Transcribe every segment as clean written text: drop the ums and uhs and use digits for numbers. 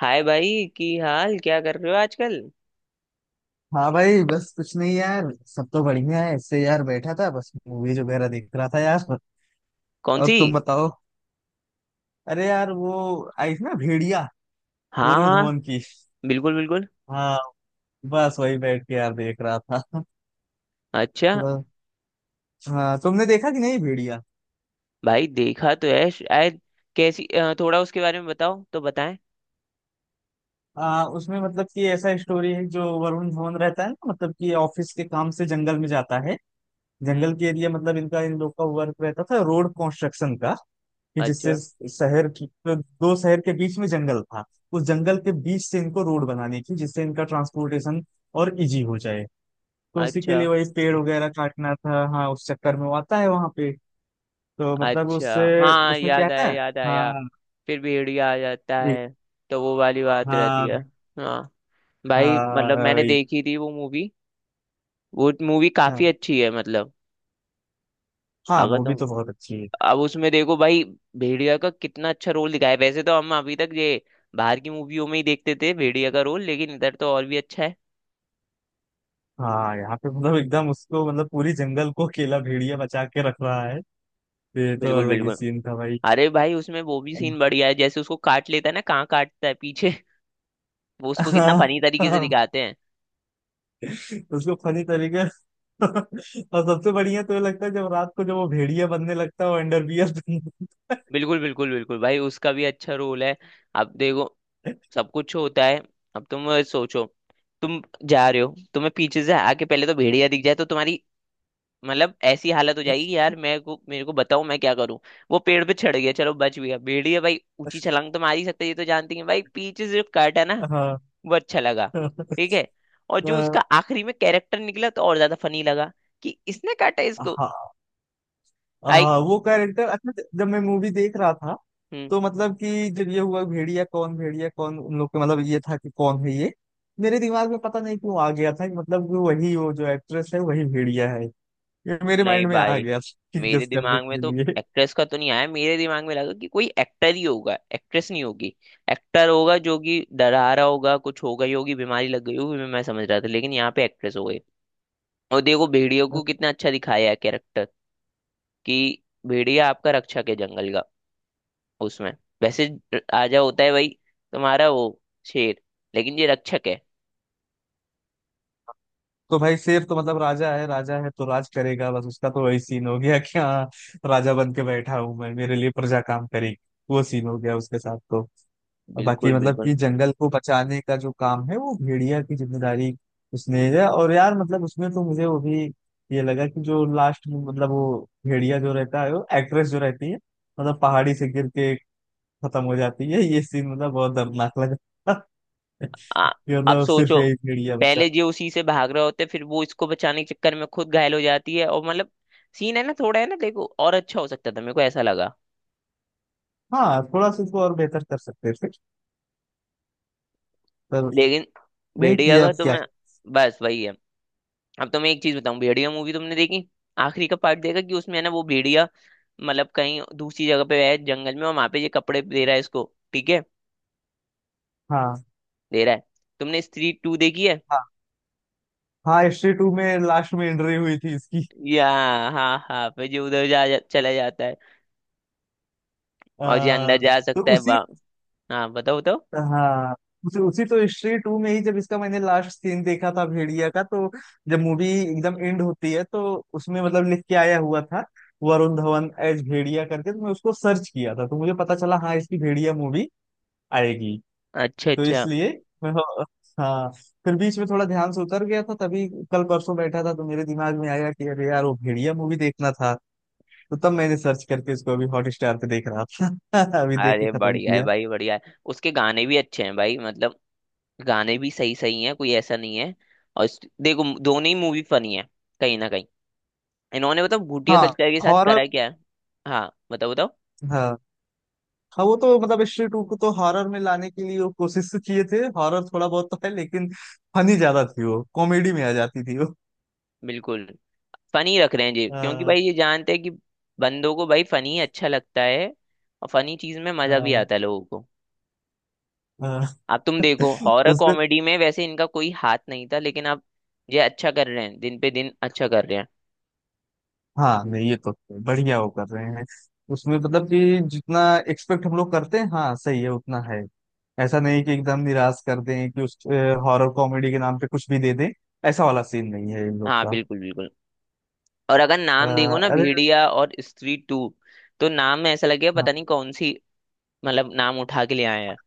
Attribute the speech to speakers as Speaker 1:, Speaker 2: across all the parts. Speaker 1: हाय भाई की हाल क्या कर रहे हो आजकल।
Speaker 2: हाँ भाई, बस कुछ नहीं यार। सब तो बढ़िया है। इससे यार बैठा था, बस मूवीज वगैरह देख रहा था यार।
Speaker 1: कौन
Speaker 2: और
Speaker 1: सी?
Speaker 2: तुम बताओ। अरे यार वो आई थी ना भेड़िया,
Speaker 1: हाँ
Speaker 2: वरुण
Speaker 1: हाँ,
Speaker 2: धवन की।
Speaker 1: बिल्कुल बिल्कुल।
Speaker 2: हाँ, बस वही बैठ के यार देख रहा था
Speaker 1: अच्छा,
Speaker 2: थोड़ा। हाँ, तुमने देखा कि नहीं भेड़िया।
Speaker 1: भाई देखा तो है शायद। कैसी थोड़ा उसके बारे में बताओ तो बताएं।
Speaker 2: उसमें मतलब कि ऐसा स्टोरी है, जो वरुण धवन रहता है ना, मतलब कि ऑफिस के काम से जंगल में जाता है।
Speaker 1: हम्म।
Speaker 2: जंगल के एरिया मतलब इनका इन लोग का वर्क रहता था रोड कंस्ट्रक्शन का, कि जिससे
Speaker 1: अच्छा।
Speaker 2: शहर की तो, दो शहर के बीच में जंगल था। उस जंगल के बीच से इनको रोड बनानी थी, जिससे इनका ट्रांसपोर्टेशन और इजी हो जाए। तो उसी के
Speaker 1: अच्छा।
Speaker 2: लिए वही पेड़ वगैरह काटना था। हाँ, उस चक्कर में वो आता है वहां पे। तो मतलब
Speaker 1: अच्छा,
Speaker 2: उससे,
Speaker 1: हाँ
Speaker 2: उसमें क्या
Speaker 1: याद
Speaker 2: है
Speaker 1: आया याद
Speaker 2: ना।
Speaker 1: आया।
Speaker 2: हाँ।
Speaker 1: फिर भेड़िया आ जाता
Speaker 2: एक-
Speaker 1: है तो वो वाली बात रहती
Speaker 2: हाँ,
Speaker 1: है। हाँ भाई,
Speaker 2: हाँ
Speaker 1: मतलब मैंने
Speaker 2: वही।
Speaker 1: देखी थी वो मूवी। वो मूवी काफी
Speaker 2: हाँ,
Speaker 1: अच्छी है मतलब।
Speaker 2: हाँ
Speaker 1: अगर
Speaker 2: मूवी
Speaker 1: तुम,
Speaker 2: तो बहुत अच्छी है।
Speaker 1: अब उसमें देखो भाई, भेड़िया का कितना अच्छा रोल दिखाया है। वैसे तो हम अभी तक ये बाहर की मूवियों में ही देखते थे भेड़िया का रोल, लेकिन इधर तो और भी अच्छा है।
Speaker 2: हाँ, यहाँ पे मतलब एकदम उसको मतलब पूरी जंगल को अकेला भेड़िया बचा के रख रहा है। ये तो
Speaker 1: बिल्कुल
Speaker 2: अलग ही
Speaker 1: बिल्कुल।
Speaker 2: सीन था भाई।
Speaker 1: अरे भाई उसमें वो भी सीन
Speaker 2: हाँ।
Speaker 1: बढ़िया है, जैसे उसको काट लेता है ना, कहाँ काटता है पीछे। वो उसको कितना फनी तरीके से
Speaker 2: हाँ,
Speaker 1: दिखाते हैं।
Speaker 2: उसको फनी तरीके। और सबसे बढ़िया तो ये लगता है जब रात को, जब वो भेड़िया बनने लगता है, वो अंडरवियर बनने
Speaker 1: बिल्कुल बिल्कुल बिल्कुल भाई, उसका भी अच्छा रोल है। अब देखो, सब कुछ होता है। अब तुम सोचो, तुम जा रहे हो, तुम्हें पीछे से आके पहले तो भेड़िया दिख जाए तो तुम्हारी, मतलब ऐसी हालत हो
Speaker 2: लगता
Speaker 1: जाएगी कि यार मेरे को बताओ मैं क्या करूं। वो पेड़ पे चढ़ गया, चलो बच गया। भेड़िया भाई ऊंची
Speaker 2: है।
Speaker 1: छलांग तो मार ही सकते, ये तो जानती है भाई। पीछे से जो कट है ना,
Speaker 2: हाँ।
Speaker 1: वो अच्छा लगा। ठीक है। और जो
Speaker 2: अ,
Speaker 1: उसका आखिरी में कैरेक्टर निकला तो और ज्यादा फनी लगा कि इसने काटा इसको।
Speaker 2: हाँ।
Speaker 1: आई।
Speaker 2: हाँ, वो कैरेक्टर अच्छा जब मैं मूवी देख रहा था,
Speaker 1: हम्म।
Speaker 2: तो मतलब कि जब ये हुआ भेड़िया कौन, भेड़िया कौन, उन लोग के मतलब ये था कि कौन है ये। मेरे दिमाग में पता नहीं क्यों आ गया था कि मतलब कि वही, वो जो एक्ट्रेस है वही भेड़िया है। ये मेरे
Speaker 1: नहीं
Speaker 2: माइंड में आ
Speaker 1: भाई,
Speaker 2: गया था कि
Speaker 1: मेरे
Speaker 2: गेस करने
Speaker 1: दिमाग में
Speaker 2: के
Speaker 1: तो
Speaker 2: लिए।
Speaker 1: एक्ट्रेस का तो नहीं आया, मेरे दिमाग में लगा कि कोई एक्टर ही होगा, एक्ट्रेस नहीं होगी। एक्टर होगा जो कि डरा रहा होगा, कुछ हो गई होगी बीमारी लग गई होगी मैं समझ रहा था, लेकिन यहाँ पे एक्ट्रेस हो गई। और देखो भेड़ियों को कितना अच्छा दिखाया है कैरेक्टर, कि भेड़िया आपका रक्षक है जंगल का। उसमें वैसे राजा होता है भाई तुम्हारा वो, शेर, लेकिन ये रक्षक है।
Speaker 2: तो भाई शेर तो मतलब राजा है, राजा है तो राज करेगा। बस उसका तो वही सीन हो गया कि हाँ, राजा बन के बैठा हूं मैं, मेरे लिए प्रजा काम करेगी। वो सीन हो गया उसके साथ तो। और बाकी
Speaker 1: बिल्कुल
Speaker 2: मतलब
Speaker 1: बिल्कुल।
Speaker 2: कि जंगल को बचाने का जो काम है वो भेड़िया की जिम्मेदारी उसने है। और यार मतलब उसमें तो मुझे वो भी ये लगा कि जो लास्ट में मतलब वो भेड़िया जो रहता है, वो एक्ट्रेस जो रहती है, मतलब पहाड़ी से गिर के खत्म हो जाती है, ये सीन मतलब बहुत दर्दनाक लगा।
Speaker 1: आ,
Speaker 2: कि
Speaker 1: अब
Speaker 2: मतलब सिर्फ
Speaker 1: सोचो,
Speaker 2: यही भेड़िया बचा।
Speaker 1: पहले ये उसी से भाग रहे होते, फिर वो इसको बचाने के चक्कर में खुद घायल हो जाती है और मतलब सीन है ना, थोड़ा है ना, देखो और अच्छा हो सकता था मेरे को ऐसा लगा।
Speaker 2: हाँ, थोड़ा सा इसको और बेहतर कर सकते थे, पर
Speaker 1: लेकिन
Speaker 2: नहीं
Speaker 1: भेड़िया
Speaker 2: किया,
Speaker 1: का
Speaker 2: अब क्या।
Speaker 1: तुम्हें, बस वही है। अब तो मैं एक चीज बताऊं, भेड़िया मूवी तुमने देखी, आखिरी का पार्ट देखा कि उसमें है ना वो भेड़िया, मतलब कहीं दूसरी जगह पे है जंगल में, और वहां पे ये कपड़े दे रहा है इसको। ठीक है।
Speaker 2: हाँ।
Speaker 1: दे रहा है। तुमने स्त्री टू देखी है?
Speaker 2: हाँ। हाँ, हिस्ट्री टू में लास्ट में एंट्री हुई थी इसकी।
Speaker 1: या, हाँ हाँ, फिर जो उधर जा चला जाता है। और जो अंदर
Speaker 2: आ,
Speaker 1: जा
Speaker 2: तो
Speaker 1: सकता है,
Speaker 2: उसी।
Speaker 1: वाह। हाँ बताओ बताओ।
Speaker 2: हाँ, उसी उसी तो हिस्ट्री टू में ही जब इसका मैंने लास्ट सीन देखा था भेड़िया का, तो जब मूवी एकदम एंड होती है तो उसमें मतलब लिख के आया हुआ था वरुण धवन एज भेड़िया करके। तो मैं उसको सर्च किया था, तो मुझे पता चला हाँ इसकी भेड़िया मूवी आएगी।
Speaker 1: अच्छा
Speaker 2: तो
Speaker 1: अच्छा।
Speaker 2: इसलिए मैं, हाँ, फिर बीच में थोड़ा ध्यान से उतर गया था। तभी कल परसों बैठा था तो मेरे दिमाग में आया कि अरे यार वो भेड़िया मूवी देखना था। तो तब मैंने सर्च करके इसको अभी हॉटस्टार पे देख रहा था। अभी देख के
Speaker 1: अरे
Speaker 2: खत्म
Speaker 1: बढ़िया है
Speaker 2: किया।
Speaker 1: भाई, बढ़िया है। उसके गाने भी अच्छे हैं भाई, मतलब गाने भी सही सही हैं, कोई ऐसा नहीं है। और देखो दोनों ही मूवी फनी है, कहीं ना कहीं। इन्होंने बताओ भूटिया
Speaker 2: हाँ,
Speaker 1: कल्चर के साथ
Speaker 2: हॉरर।
Speaker 1: करा क्या है। हाँ बताओ बताओ।
Speaker 2: हाँ। हाँ, वो तो मतलब स्त्री टू को तो हॉरर में लाने के लिए वो कोशिश तो किए थे, हॉरर थोड़ा बहुत तो है, लेकिन फनी ज्यादा थी, वो कॉमेडी में आ जाती थी वो।
Speaker 1: बिल्कुल, फनी रख रहे हैं जी, क्योंकि
Speaker 2: हाँ।
Speaker 1: भाई ये जानते हैं कि बंदों को भाई फनी अच्छा लगता है। और फनी चीज में मजा भी
Speaker 2: हाँ।
Speaker 1: आता है लोगों को।
Speaker 2: हाँ।
Speaker 1: अब तुम देखो, हॉरर
Speaker 2: उसमें,
Speaker 1: कॉमेडी में वैसे इनका कोई हाथ नहीं था, लेकिन अब ये अच्छा कर रहे हैं, दिन पे दिन अच्छा कर रहे हैं।
Speaker 2: हाँ नहीं ये तो बढ़िया वो कर रहे हैं। उसमें मतलब कि जितना एक्सपेक्ट हम लोग करते हैं, हाँ सही है उतना है। ऐसा नहीं कि एकदम निराश कर दें कि उस हॉरर कॉमेडी के नाम पे कुछ भी दे दें। ऐसा वाला सीन नहीं है इन लोग
Speaker 1: हाँ
Speaker 2: का।
Speaker 1: बिल्कुल बिल्कुल। और अगर नाम
Speaker 2: हाँ,
Speaker 1: देखो ना,
Speaker 2: अरे।
Speaker 1: भेड़िया और स्त्री टू, तो नाम में ऐसा लगेगा
Speaker 2: हाँ।
Speaker 1: पता नहीं कौन सी, मतलब नाम उठा के ले आए हैं।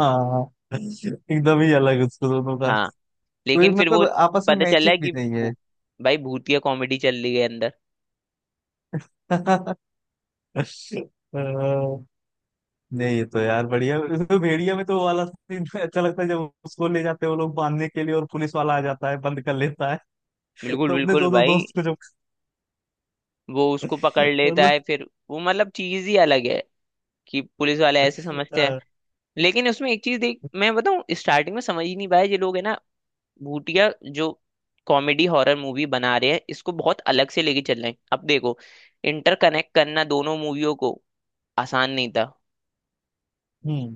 Speaker 2: हाँ। हाँ। एकदम ही अलग उसको दोनों का,
Speaker 1: हाँ
Speaker 2: कोई
Speaker 1: लेकिन फिर वो
Speaker 2: मतलब आपस में
Speaker 1: पता चल रहा
Speaker 2: मैचिंग
Speaker 1: है
Speaker 2: भी
Speaker 1: कि
Speaker 2: नहीं है।
Speaker 1: वो- भाई भूतिया कॉमेडी चल रही है अंदर।
Speaker 2: अ, नहीं ये तो यार बढ़िया, उसमें भेड़िया में तो वो वाला सीन अच्छा लगता है जब उसको ले जाते हैं वो लोग बांधने के लिए, और पुलिस वाला आ जाता है, बंद कर लेता है।
Speaker 1: बिल्कुल
Speaker 2: तो अपने
Speaker 1: बिल्कुल
Speaker 2: दोनों
Speaker 1: भाई।
Speaker 2: दोस्त को जब,
Speaker 1: वो उसको पकड़ लेता
Speaker 2: मतलब।
Speaker 1: है फिर वो, मतलब चीज ही अलग है, कि पुलिस वाले ऐसे समझते हैं।
Speaker 2: अ,
Speaker 1: लेकिन उसमें एक चीज देख मैं बताऊं, स्टार्टिंग में समझ ही नहीं पाया ये लोग है ना, भूतिया जो कॉमेडी हॉरर मूवी बना रहे हैं, इसको बहुत अलग से लेके चल रहे हैं। अब देखो, इंटरकनेक्ट करना दोनों मूवियों को आसान नहीं था।
Speaker 2: हम्म।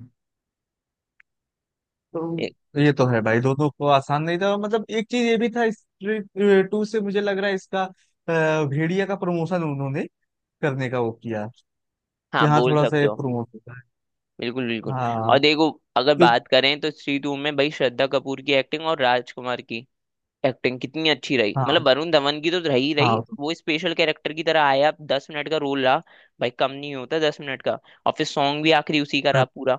Speaker 1: ए-,
Speaker 2: तो ये तो है भाई, दोनों को आसान नहीं था। मतलब एक चीज ये भी था, स्ट्रीट टू से मुझे लग रहा है इसका भेड़िया का प्रमोशन उन्होंने करने का वो किया।
Speaker 1: हाँ
Speaker 2: यहाँ
Speaker 1: बोल
Speaker 2: थोड़ा सा
Speaker 1: सकते
Speaker 2: ये
Speaker 1: हो।
Speaker 2: प्रमोट होता है।
Speaker 1: बिल्कुल बिल्कुल।
Speaker 2: हाँ,
Speaker 1: और देखो, अगर
Speaker 2: क्यों।
Speaker 1: बात करें तो श्री टू में भाई श्रद्धा कपूर की एक्टिंग और राजकुमार की एक्टिंग कितनी अच्छी रही,
Speaker 2: हाँ,
Speaker 1: मतलब वरुण धवन की तो रही रही
Speaker 2: हाँ तो।
Speaker 1: वो, स्पेशल कैरेक्टर की तरह आया, 10 मिनट का रोल रहा। भाई कम नहीं होता 10 मिनट का। और फिर सॉन्ग भी आखिरी उसी का रहा पूरा,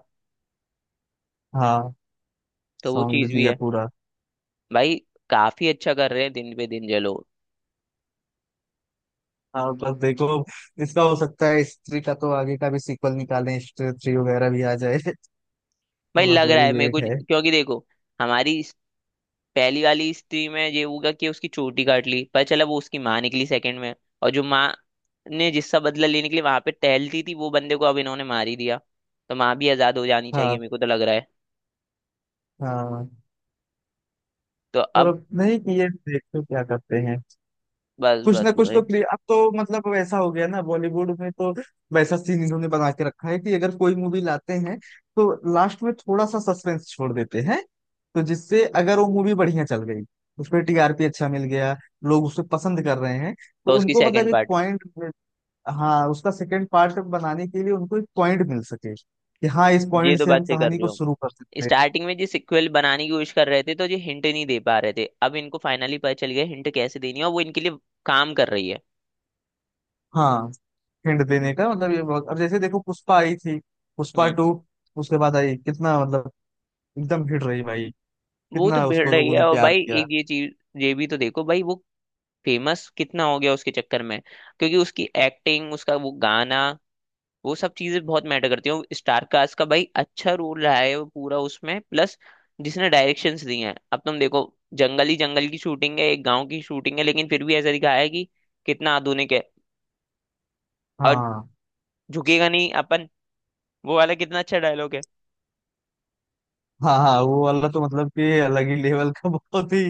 Speaker 2: हाँ,
Speaker 1: तो वो
Speaker 2: सॉन्ग
Speaker 1: चीज भी
Speaker 2: दिया
Speaker 1: है
Speaker 2: पूरा।
Speaker 1: भाई। काफी अच्छा कर रहे हैं दिन पे दिन ये लोग।
Speaker 2: हाँ, बस देखो इसका हो सकता है स्त्री का तो आगे का भी सीक्वल निकालें, स्त्री थ्री वगैरह भी आ जाए।
Speaker 1: भाई
Speaker 2: तो बस
Speaker 1: लग रहा
Speaker 2: वही
Speaker 1: है मेरे
Speaker 2: वेट
Speaker 1: को,
Speaker 2: है।
Speaker 1: क्योंकि देखो हमारी पहली वाली स्त्री में ये होगा कि उसकी चोटी काट ली, पता चला वो उसकी माँ निकली सेकंड में। और जो माँ ने जिसका बदला लेने के लिए वहां पे टहलती थी, वो बंदे को अब इन्होंने मार ही दिया, तो माँ भी आजाद हो जानी चाहिए
Speaker 2: हाँ।
Speaker 1: मेरे को तो लग रहा है।
Speaker 2: हाँ,
Speaker 1: तो
Speaker 2: पर
Speaker 1: अब,
Speaker 2: अब नहीं कि ये देखते क्या करते हैं।
Speaker 1: बस
Speaker 2: कुछ ना
Speaker 1: बस
Speaker 2: कुछ
Speaker 1: भाई,
Speaker 2: तो प्ले। अब तो मतलब वैसा हो गया ना बॉलीवुड में, तो वैसा सीन इन्होंने बना के रखा है कि अगर कोई मूवी लाते हैं, तो लास्ट में थोड़ा सा सस्पेंस छोड़ देते हैं। तो जिससे अगर वो मूवी बढ़िया चल गई, उस पर टीआरपी अच्छा मिल गया, लोग उसे पसंद कर रहे हैं,
Speaker 1: तो
Speaker 2: तो
Speaker 1: उसकी
Speaker 2: उनको मतलब
Speaker 1: सेकंड
Speaker 2: एक
Speaker 1: पार्ट।
Speaker 2: पॉइंट। हाँ, उसका सेकंड पार्ट बनाने के लिए उनको एक पॉइंट मिल सके कि हाँ, इस
Speaker 1: ये
Speaker 2: पॉइंट
Speaker 1: तो
Speaker 2: से
Speaker 1: बात
Speaker 2: हम
Speaker 1: सही कर
Speaker 2: कहानी
Speaker 1: रहे
Speaker 2: को
Speaker 1: हो।
Speaker 2: शुरू कर सकते हैं।
Speaker 1: स्टार्टिंग में जो सिक्वल बनाने की कोशिश कर रहे थे तो ये हिंट नहीं दे पा रहे थे, अब इनको फाइनली पता चल गया हिंट कैसे देनी है और वो इनके लिए काम कर रही है।
Speaker 2: हाँ, हिंट देने का मतलब, ये बहुत, अब जैसे देखो पुष्पा आई थी, पुष्पा
Speaker 1: हम्म।
Speaker 2: टू। उसके बाद आई कितना मतलब एकदम हिट रही भाई।
Speaker 1: वो तो
Speaker 2: कितना
Speaker 1: भिड़
Speaker 2: उसको
Speaker 1: रही
Speaker 2: लोगों
Speaker 1: है।
Speaker 2: ने
Speaker 1: और
Speaker 2: प्यार
Speaker 1: भाई
Speaker 2: दिया।
Speaker 1: एक ये चीज, ये भी तो देखो भाई, वो फेमस कितना हो गया उसके चक्कर में, क्योंकि उसकी एक्टिंग, उसका वो गाना, वो सब चीजें बहुत मैटर करती हैं। स्टार कास्ट का भाई अच्छा रोल रहा है वो पूरा उसमें। प्लस जिसने डायरेक्शंस दी हैं, अब तुम देखो, जंगल ही जंगल की शूटिंग है, एक गांव की शूटिंग है, लेकिन फिर भी ऐसा दिखाया है कि कितना आधुनिक है। और
Speaker 2: हाँ।
Speaker 1: झुकेगा नहीं अपन, वो वाला कितना अच्छा डायलॉग है
Speaker 2: हाँ, हाँ वो वाला तो मतलब कि अलग ही लेवल का बहुत ही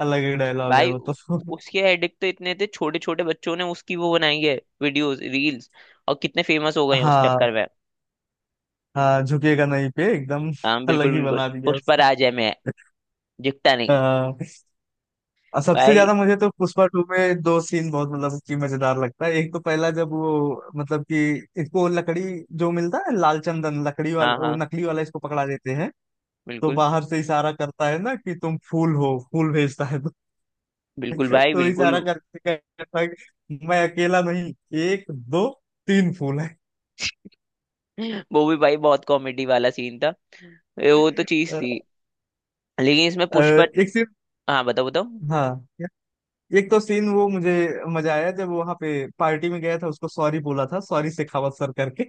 Speaker 2: अलग ही डायलॉग है
Speaker 1: भाई।
Speaker 2: वो तो।
Speaker 1: उसके एडिक्ट तो इतने थे, छोटे छोटे बच्चों ने उसकी वो बनाई है, वीडियोस रील्स, और कितने फेमस हो गए हैं उस
Speaker 2: हाँ,
Speaker 1: चक्कर में।
Speaker 2: हाँ झुकेगा नहीं पे एकदम
Speaker 1: हाँ
Speaker 2: अलग
Speaker 1: बिल्कुल
Speaker 2: ही
Speaker 1: बिल्कुल।
Speaker 2: बना दिया
Speaker 1: उस पर
Speaker 2: उसको।
Speaker 1: आ जाए, दिखता नहीं।
Speaker 2: हाँ, और सबसे
Speaker 1: भाई,
Speaker 2: ज्यादा मुझे तो पुष्पा टू में दो सीन बहुत मतलब कि मजेदार लगता है। एक तो पहला जब वो मतलब कि इसको लकड़ी जो मिलता है लाल चंदन लकड़ी
Speaker 1: हाँ
Speaker 2: वाला वो
Speaker 1: हाँ।
Speaker 2: नकली वाला इसको पकड़ा देते हैं। तो
Speaker 1: बिल्कुल
Speaker 2: बाहर से इशारा करता है ना कि तुम फूल हो, फूल भेजता है।
Speaker 1: बिल्कुल भाई,
Speaker 2: तो
Speaker 1: बिल्कुल।
Speaker 2: इशारा करके कहता था कि मैं अकेला नहीं, एक दो तीन फूल है।
Speaker 1: वो भी भाई बहुत कॉमेडी वाला सीन था। वो तो चीज थी, लेकिन इसमें पुष्पा,
Speaker 2: एक सीन।
Speaker 1: हाँ बताओ बताओ।
Speaker 2: हाँ, एक तो सीन वो मुझे मजा आया जब वहां पे पार्टी में गया था, उसको सॉरी बोला था, सॉरी शेखावत सर करके।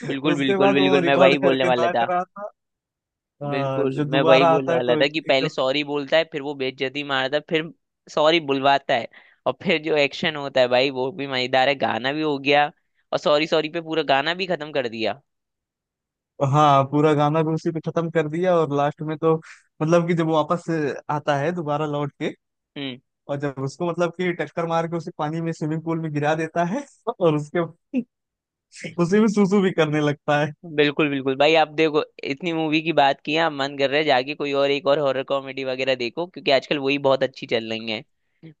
Speaker 1: बिल्कुल
Speaker 2: उसके
Speaker 1: बिल्कुल
Speaker 2: बाद वो
Speaker 1: बिल्कुल, मैं
Speaker 2: रिकॉर्ड
Speaker 1: वही बोलने
Speaker 2: करके
Speaker 1: वाला
Speaker 2: नाच
Speaker 1: था।
Speaker 2: रहा था।
Speaker 1: बिल्कुल
Speaker 2: जो
Speaker 1: मैं वही
Speaker 2: दोबारा
Speaker 1: बोलने
Speaker 2: आता है
Speaker 1: वाला
Speaker 2: तो
Speaker 1: था, कि पहले
Speaker 2: एकदम।
Speaker 1: सॉरी बोलता है, फिर वो बेइज्जती मारता है, फिर सॉरी बुलवाता है। और फिर जो एक्शन होता है भाई, वो भी मजेदार है, गाना भी हो गया, और सॉरी सॉरी पे पूरा गाना भी खत्म कर दिया।
Speaker 2: हाँ, पूरा गाना भी उसी पे खत्म कर दिया। और लास्ट में तो मतलब कि जब वापस आता है दोबारा लौट के,
Speaker 1: हम्म।
Speaker 2: और जब उसको मतलब कि टक्कर मार के उसे पानी में, स्विमिंग पूल में गिरा देता है, और उसके उसी में सूसू भी करने लगता है।
Speaker 1: बिल्कुल बिल्कुल भाई। आप देखो इतनी मूवी की बात की है आप, मन कर रहा है जाके कोई और, एक और हॉरर कॉमेडी वगैरह देखो, क्योंकि आजकल वही बहुत अच्छी चल रही है।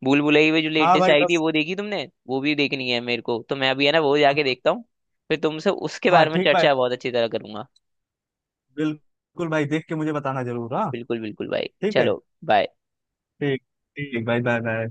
Speaker 1: भूल भुलैया भी जो
Speaker 2: हाँ
Speaker 1: लेटेस्ट
Speaker 2: भाई
Speaker 1: आई थी
Speaker 2: बस।
Speaker 1: वो देखी तुमने, वो भी देखनी है मेरे को, तो मैं अभी है ना वो जाके देखता हूँ, फिर तुमसे उसके
Speaker 2: हाँ
Speaker 1: बारे में
Speaker 2: ठीक भाई।
Speaker 1: चर्चा बहुत अच्छी तरह करूंगा।
Speaker 2: बिल्कुल भाई, देख के मुझे बताना जरूर। हाँ
Speaker 1: बिल्कुल बिल्कुल भाई,
Speaker 2: ठीक है।
Speaker 1: चलो, बाय।
Speaker 2: ठीक, ठीक भाई, बाय बाय।